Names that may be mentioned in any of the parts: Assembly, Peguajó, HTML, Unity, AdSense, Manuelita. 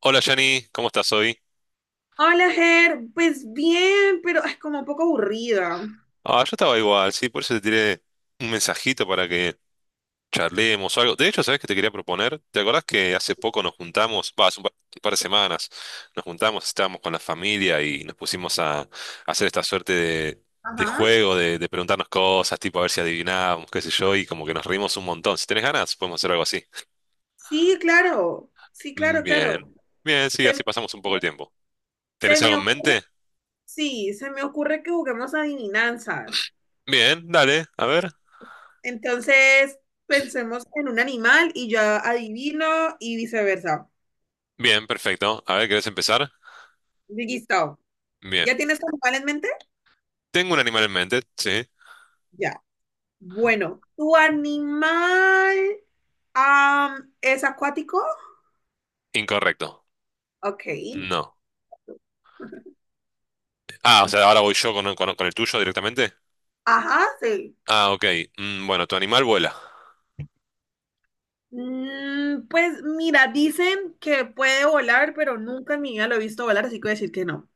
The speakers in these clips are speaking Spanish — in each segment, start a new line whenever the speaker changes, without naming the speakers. Hola Yanni, ¿cómo estás hoy?
Hola, Ger. Pues bien, pero es como un poco aburrida.
Ah, yo estaba igual, sí, por eso te tiré un mensajito para que charlemos o algo. De hecho, ¿sabes qué te quería proponer? ¿Te acordás que hace poco nos juntamos, va, hace un par de semanas, nos juntamos, estábamos con la familia y nos pusimos a hacer esta suerte de
Ajá.
juego, de preguntarnos cosas, tipo a ver si adivinábamos, qué sé yo, y como que nos reímos un montón. Si tenés ganas, podemos hacer algo así.
Sí, claro. Sí,
Mm,
claro, claro.
bien, bien, sí,
Se,
así pasamos un poco el tiempo.
se
¿Tenés
me
algo en
ocurre,
mente?
sí, se me ocurre que juguemos adivinanzas.
Bien, dale, a ver.
Entonces, pensemos en un animal y yo adivino y viceversa.
Bien, perfecto. A ver, ¿querés empezar?
Listo.
Bien.
¿Ya tienes tu animal en mente?
Tengo un animal en mente, sí.
Ya. Bueno, ¿tu animal es acuático?
Incorrecto.
Ok.
No. Ah, o sea, ahora voy yo con, con el tuyo directamente.
Ajá, sí.
Ah, ok. Mm, bueno, tu animal vuela.
Mm, pues mira, dicen que puede volar, pero nunca en mi vida lo he visto volar, así que voy a decir que no.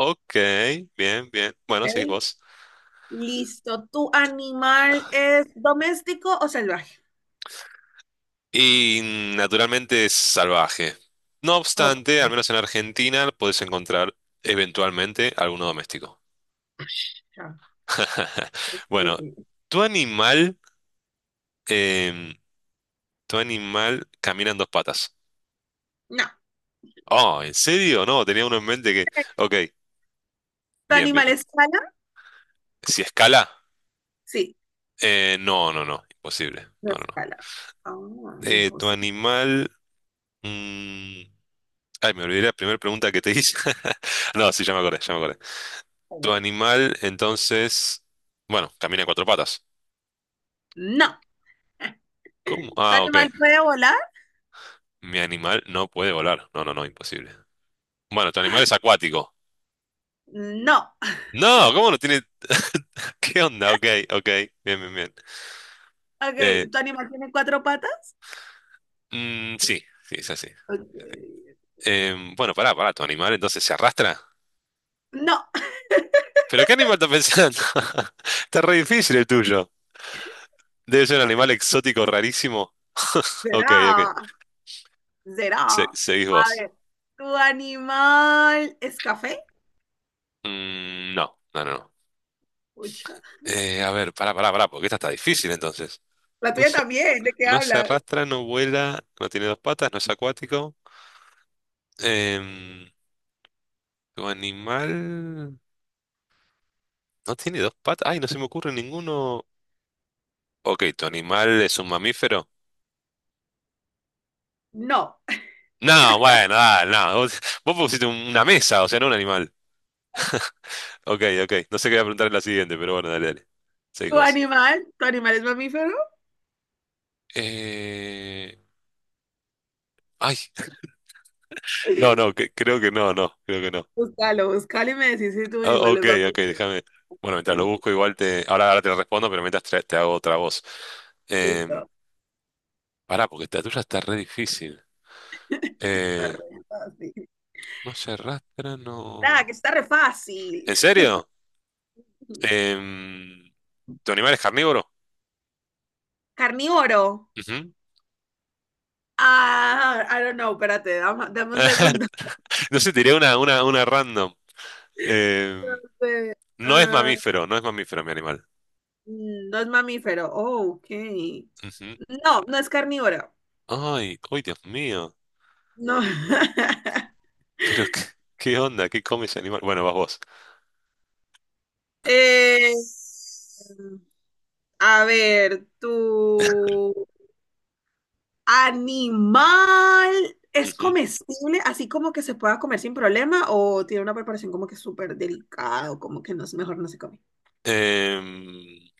Ok, bien, bien. Bueno, seguís
Ok,
vos.
listo. ¿Tu animal es doméstico o salvaje?
Y naturalmente es salvaje. No
Ok,
obstante, al menos en Argentina podés encontrar eventualmente alguno doméstico.
ya.
Bueno,
Eh,
tu animal, em, tu animal camina en dos patas.
No.
Oh, ¿en serio? No, tenía uno en mente que... Ok,
¿Tu
bien, bien,
animal
bien.
escala?
Si escala.
Sí,
No, no, no, imposible.
no
No, no, no.
escala. Ah,
Tu
imposible.
animal. mm, Ay, me olvidé la primera pregunta que te hice. No, sí, ya me acordé, ya me acordé. Tu animal, entonces. Bueno, camina en cuatro patas.
No.
¿Cómo?
¿Tu
Ah, ok.
animal puede volar?
Mi animal no puede volar. No, no, no, imposible. Bueno, tu animal es acuático.
No.
No, ¿cómo no tiene? ¿Qué onda? Ok, ok. Bien, bien, bien. Eh,
Ok, ¿tu animal tiene cuatro patas?
mm, sí, sí, es así.
Ok.
Bueno, pará, pará, tu animal entonces se arrastra.
No.
¿Pero qué animal estás pensando? Está re difícil el tuyo. Debe ser un animal exótico rarísimo. Ok, ok.
Será. Será.
Seguís
A
vos.
ver, ¿tu animal es café?
Mm, no, no, no, no.
Pucha.
A ver, pará, pará, pará, porque esta está difícil entonces.
La
No
tuya
se,
también, ¿de qué
no se
hablas?
arrastra, no vuela, no tiene dos patas, no es acuático. Em, tu animal no tiene dos patas. Ay, no se me ocurre ninguno. Ok, ¿tu animal es un mamífero?
No.
No, bueno, ah, no. Vos, vos pusiste una mesa, o sea, no un animal. Ok, ok. No sé qué voy a preguntar en la siguiente, pero bueno, dale, dale. Seguís
¿Tu
vos.
animal? ¿Tu animal es mamífero?
Eh... Ay, no, no, creo que no, no, creo que no.
Búscalo, búscalo y me decís si tu
Ah,
animal
ok,
es
ok,
mamífero.
déjame. Bueno, mientras lo busco, igual te. Ahora, ahora te lo respondo, pero mientras te hago otra voz. Em,
Listo.
pará, porque esta tuya está re difícil.
Está
Eh,
re fácil.
no se arrastra, no.
Nada, que está re fácil.
¿En serio? Em, ¿Tu animal es carnívoro?
Carnívoro.
Ujú.
Ah, I don't know, espérate, dame, dame un segundo.
No sé, tiré una, una random. Em,
Eh,
no es
ah,
mamífero, no es mamífero mi animal.
no es mamífero. Oh, ok.
Ujú.
No, no es carnívoro.
Ay, ay, Dios mío.
No.
Pero, ¿qué, qué onda? ¿Qué come ese animal? Bueno, vas vos.
Eh, a ver, tú. Animal, ¿es
Ujú.
comestible así como que se pueda comer sin problema o tiene una preparación como que súper delicada o como que no, es- mejor no se come?
Em,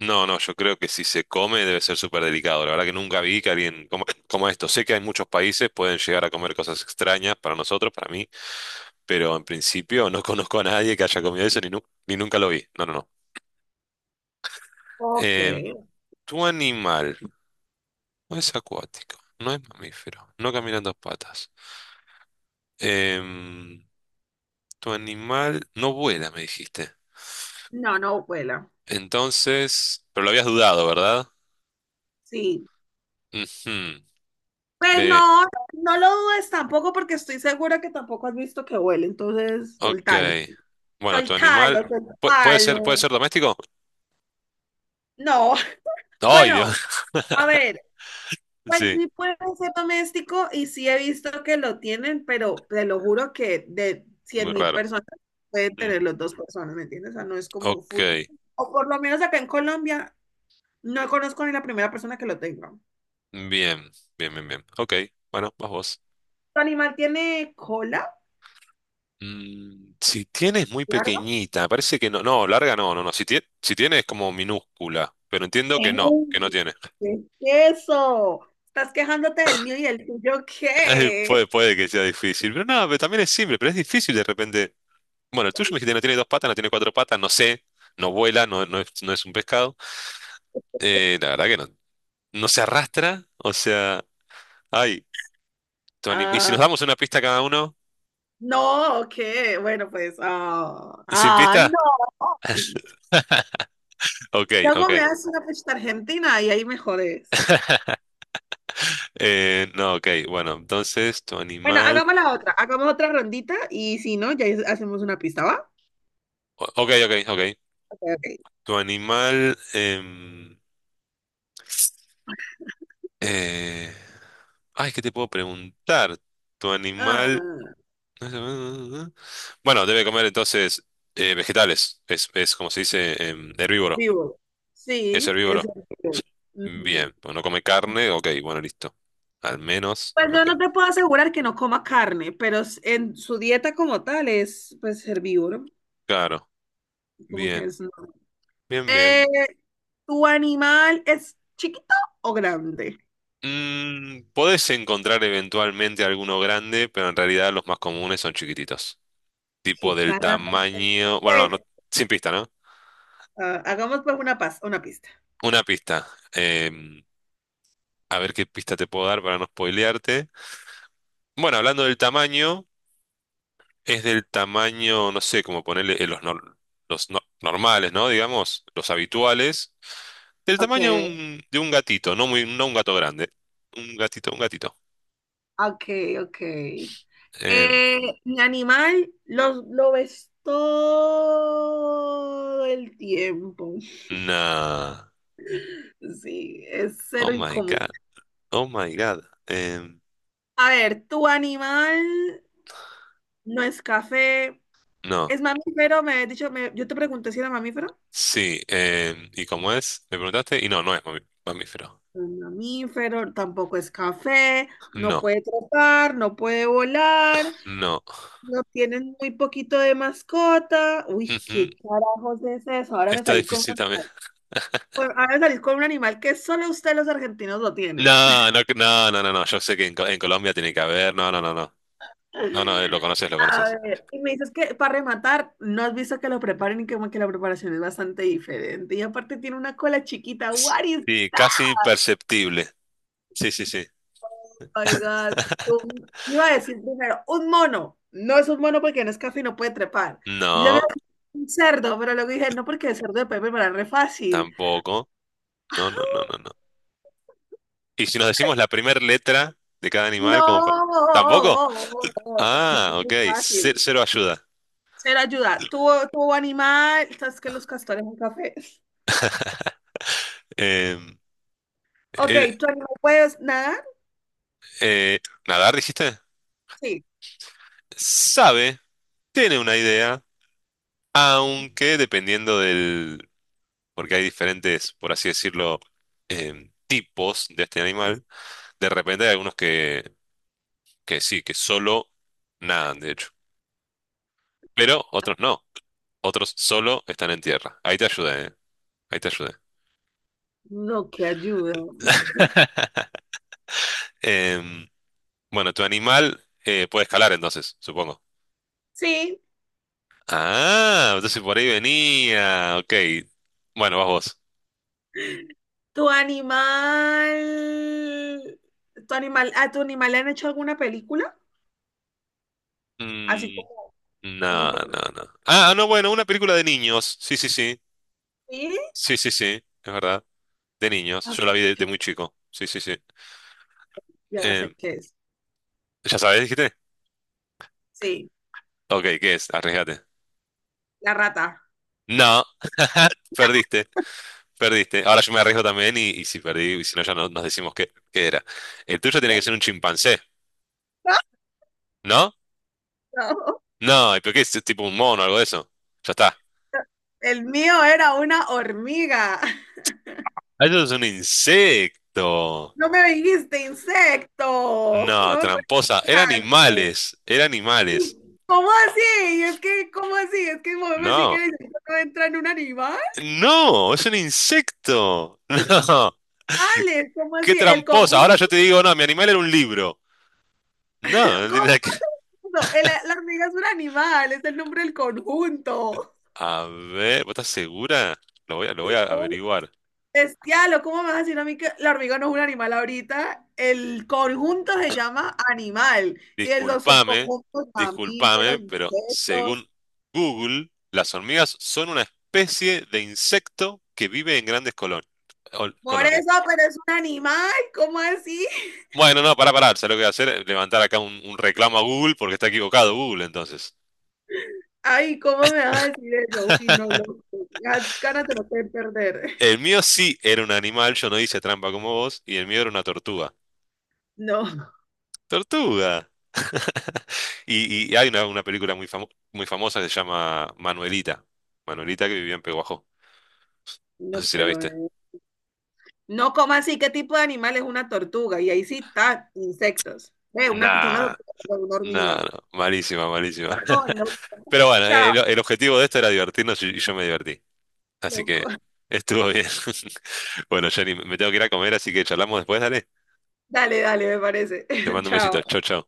No, no, yo creo que si se come debe ser súper delicado. La verdad que nunca vi que alguien coma, coma esto. Sé que hay muchos países pueden llegar a comer cosas extrañas para nosotros, para mí, pero en principio no conozco a nadie que haya comido eso ni, ni nunca lo vi. No, no, no.
Ok,
Eh, tu animal no es acuático, no es mamífero, no camina en dos patas. Em, tu animal no vuela, me dijiste.
no, no vuela.
Entonces, pero lo habías dudado, ¿verdad?
Sí,
Ujú.
pues
Eh,
no, no lo dudes tampoco porque estoy segura que tampoco has visto que huele, entonces
Ok.
soltalo,
Bueno, tu animal
soltalo, soltalo.
puede ser doméstico.
No,
¡Ay, Dios!
bueno, a ver. Pues
Sí,
sí puede ser doméstico y sí he visto que lo tienen, pero te lo juro que de
muy
100.000
raro.
personas pueden
Mm,
tener los dos personas, ¿me entiendes? O sea, no es como
ok.
full. O por lo menos acá en Colombia no conozco ni la primera persona que lo tenga.
Bien, bien, bien, bien. Ok. Bueno, vas vos.
¿Tu animal tiene cola?
Mm, si tienes muy
Claro.
pequeñita, parece que no. No, larga no, no, no. Si tiene, si tiene es como minúscula, pero entiendo que no
¡Ey!
tiene.
¿Qué es eso? ¿Estás quejándote del mío y el tuyo qué?
Puede, puede que sea difícil, pero no, pero también es simple, pero es difícil de repente. Bueno, el tuyo me dijiste no tiene dos patas, no tiene cuatro patas, no sé, no vuela, no, no es, no es un pescado. La verdad que no, no se arrastra, o sea, ay, Tony, ¿y si
Ah,
nos damos una pista cada uno?
no, ¿qué? Bueno, pues, ah,
¿Sin
ay,
pista?
no.
Ok,
Luego me
ok.
haces una fiesta argentina y ahí me jodes.
No, ok, bueno, entonces tu
Bueno,
animal...
hagamos la otra, hagamos otra rondita y si no, ya es- hacemos una pista, ¿va?
Ok, ok, ok.
Ok, ok.
Tu animal... eh, ay, ¿qué te puedo preguntar? Tu animal...
Ah,
Bueno, debe comer entonces vegetales, es como se dice, herbívoro,
vivo.
es
Sí, es
herbívoro.
en vivo. Ujú.
Bien, pues no come carne, ok, bueno, listo. Al menos,
Pues no,
ok.
no te puedo asegurar que no coma carne, pero s- en su dieta como tal es pues herbívoro,
Claro,
como que
bien,
es... no.
bien,
Eh,
bien.
¿Tu animal es chiquito o grande?
Mm, podés encontrar eventualmente alguno grande, pero en realidad los más comunes son chiquititos. Tipo
Sí,
del
carajo.
tamaño. Bueno, no, no, sin pista, ¿no?
Ah, hagamos pues una, pas- una pista.
Una pista. Em, a ver qué pista te puedo dar para no spoilearte. Bueno, hablando del tamaño, es del tamaño, no sé, como ponerle los, los normales, ¿no? Digamos, los habituales. Del tamaño
Ok.
de un gatito, no muy, no un gato grande. Un gatito, un gatito.
Ok, ok.
Em,
Mi animal lo ves todo el tiempo.
nah.
Sí, es
Oh
cero
my
incómodo.
God. Oh my God. Em,
A ver, tu animal no es café,
no.
es mamífero, me has dicho, me- yo te pregunté si era mamífero.
Sí. ¿Y cómo es? Me preguntaste. Y no, no es mamífero.
No es mamífero, tampoco es café, no
No.
puede trepar, no puede volar,
No.
no tienen muy poquito de mascota. Uy,
Ujú,
¿qué carajos es eso? Ahora me
está
salí
difícil también.
con- Ahora salir con un animal que solo ustedes los argentinos lo tienen.
No, no, no, no, no, no. Yo sé que en, en Colombia tiene que haber. No, no, no, no. No, no, lo conoces, lo
A
conoces.
ver, y me dices que para rematar, no has visto que lo preparen y como que la preparación es bastante diferente. Y aparte tiene una cola chiquita. What is...
Sí, casi imperceptible. Sí, sí, sí.
Oh my God. Un- iba a decir primero, un mono. No es un mono porque no es café y no puede trepar. Yo veo
No,
un cerdo, pero luego dije, no, porque el cerdo de puede preparar re fácil.
tampoco. No, no, no, no, no. Y si nos decimos la primera letra de cada animal, como para...
No,
¿Tampoco? Ah, ok.
muy fácil.
Cero, ayuda.
Ser ayuda. Tu animal, sabes que los castores un café.
em,
Ok,
Eh,
¿tu animal puedes nadar?
eh, ¿Nadar, dijiste?
Sí.
Sabe, tiene una idea, aunque dependiendo del... porque hay diferentes, por así decirlo, tipos de este animal, de repente hay algunos que sí, que solo nadan, de hecho, pero otros no, otros solo están en tierra. Ahí te ayudé, ahí te ayudé.
No, que ayuda.
Em, bueno, tu animal puede escalar entonces, supongo.
Sí.
Ah, entonces por ahí venía, ok. Bueno, vas vos.
¿Tu animal, a tu animal le han hecho alguna película? Así
Mm,
como, o sea,
no,
por-
no, no. Ah, no, bueno, una película de niños. Sí, sí, sí.
sí.
Sí, sí, sí. Es verdad. De niños.
Ah,
Yo la vi de muy chico. Sí, sí, sí.
ya sé
Eh,
qué es.
¿Ya sabes, dijiste?
Sí,
Ok, ¿qué es? Arriesgate.
la rata.
No. Perdiste. Perdiste. Ahora yo me arriesgo también y si perdí, y si no, ya no, nos decimos qué, qué era. El tuyo tiene que ser un chimpancé, ¿no?
No,
No, ¿y por qué es tipo un mono o algo de eso? Ya está.
el mío era una hormiga.
Ah, eso es un insecto.
No me dijiste insecto.
No,
No me puedes
tramposa. Eran
dejar.
animales. Eran animales.
¿Cómo así? Es que, ¿cómo así? Es que Mohamed me sí que
No.
dice que no entra en un animal.
No, es un insecto. No,
Alex, ¿cómo
qué
así? El
tramposa. Ahora
conjunto.
yo te digo, no, mi animal era un libro. No, no
¿Cómo
tiene nada que...
así? No, el- la hormiga es un animal, es el nombre del conjunto.
A ver, ¿vos estás segura? Lo voy a averiguar.
Bestialo, ¿cómo me vas a decir a mí que la hormiga no es un animal ahorita? El conjunto se llama animal y el- los
Disculpame,
subconjuntos
disculpame,
mamíferos,
pero
insectos.
según Google, las hormigas son una especie de insecto que vive en grandes
Por
colonias.
eso, pero es un animal, ¿cómo así?
Bueno, no, para parar, ¿sabes lo que voy a hacer? Levantar acá un reclamo a Google porque está equivocado Google, entonces.
Ay, ¿cómo me vas a decir eso? Uy, no, loco. Las caras te lo pueden perder.
El mío sí era un animal, yo no hice trampa como vos, y el mío era una tortuga.
No,
¡Tortuga! Y, y hay una película muy, muy famosa que se llama Manuelita. Manuelita que vivía en Peguajó. No
no,
sé si la
pero.
viste.
No, ¿cómo así? ¿Qué tipo de animal es una tortuga? Y ahí sí está, insectos. Ve, una
Nah,
tortuga, una
nah,
hormiga.
no. Malísima, malísima.
Oh, loco.
Pero bueno,
Chao,
el objetivo de esto era divertirnos y yo me divertí. Así
loco.
que estuvo bien. Bueno, Jenny, me tengo que ir a comer, así que charlamos después, dale.
Dale, dale, me parece.
Te mando un
Chao.
besito. Chau, chau.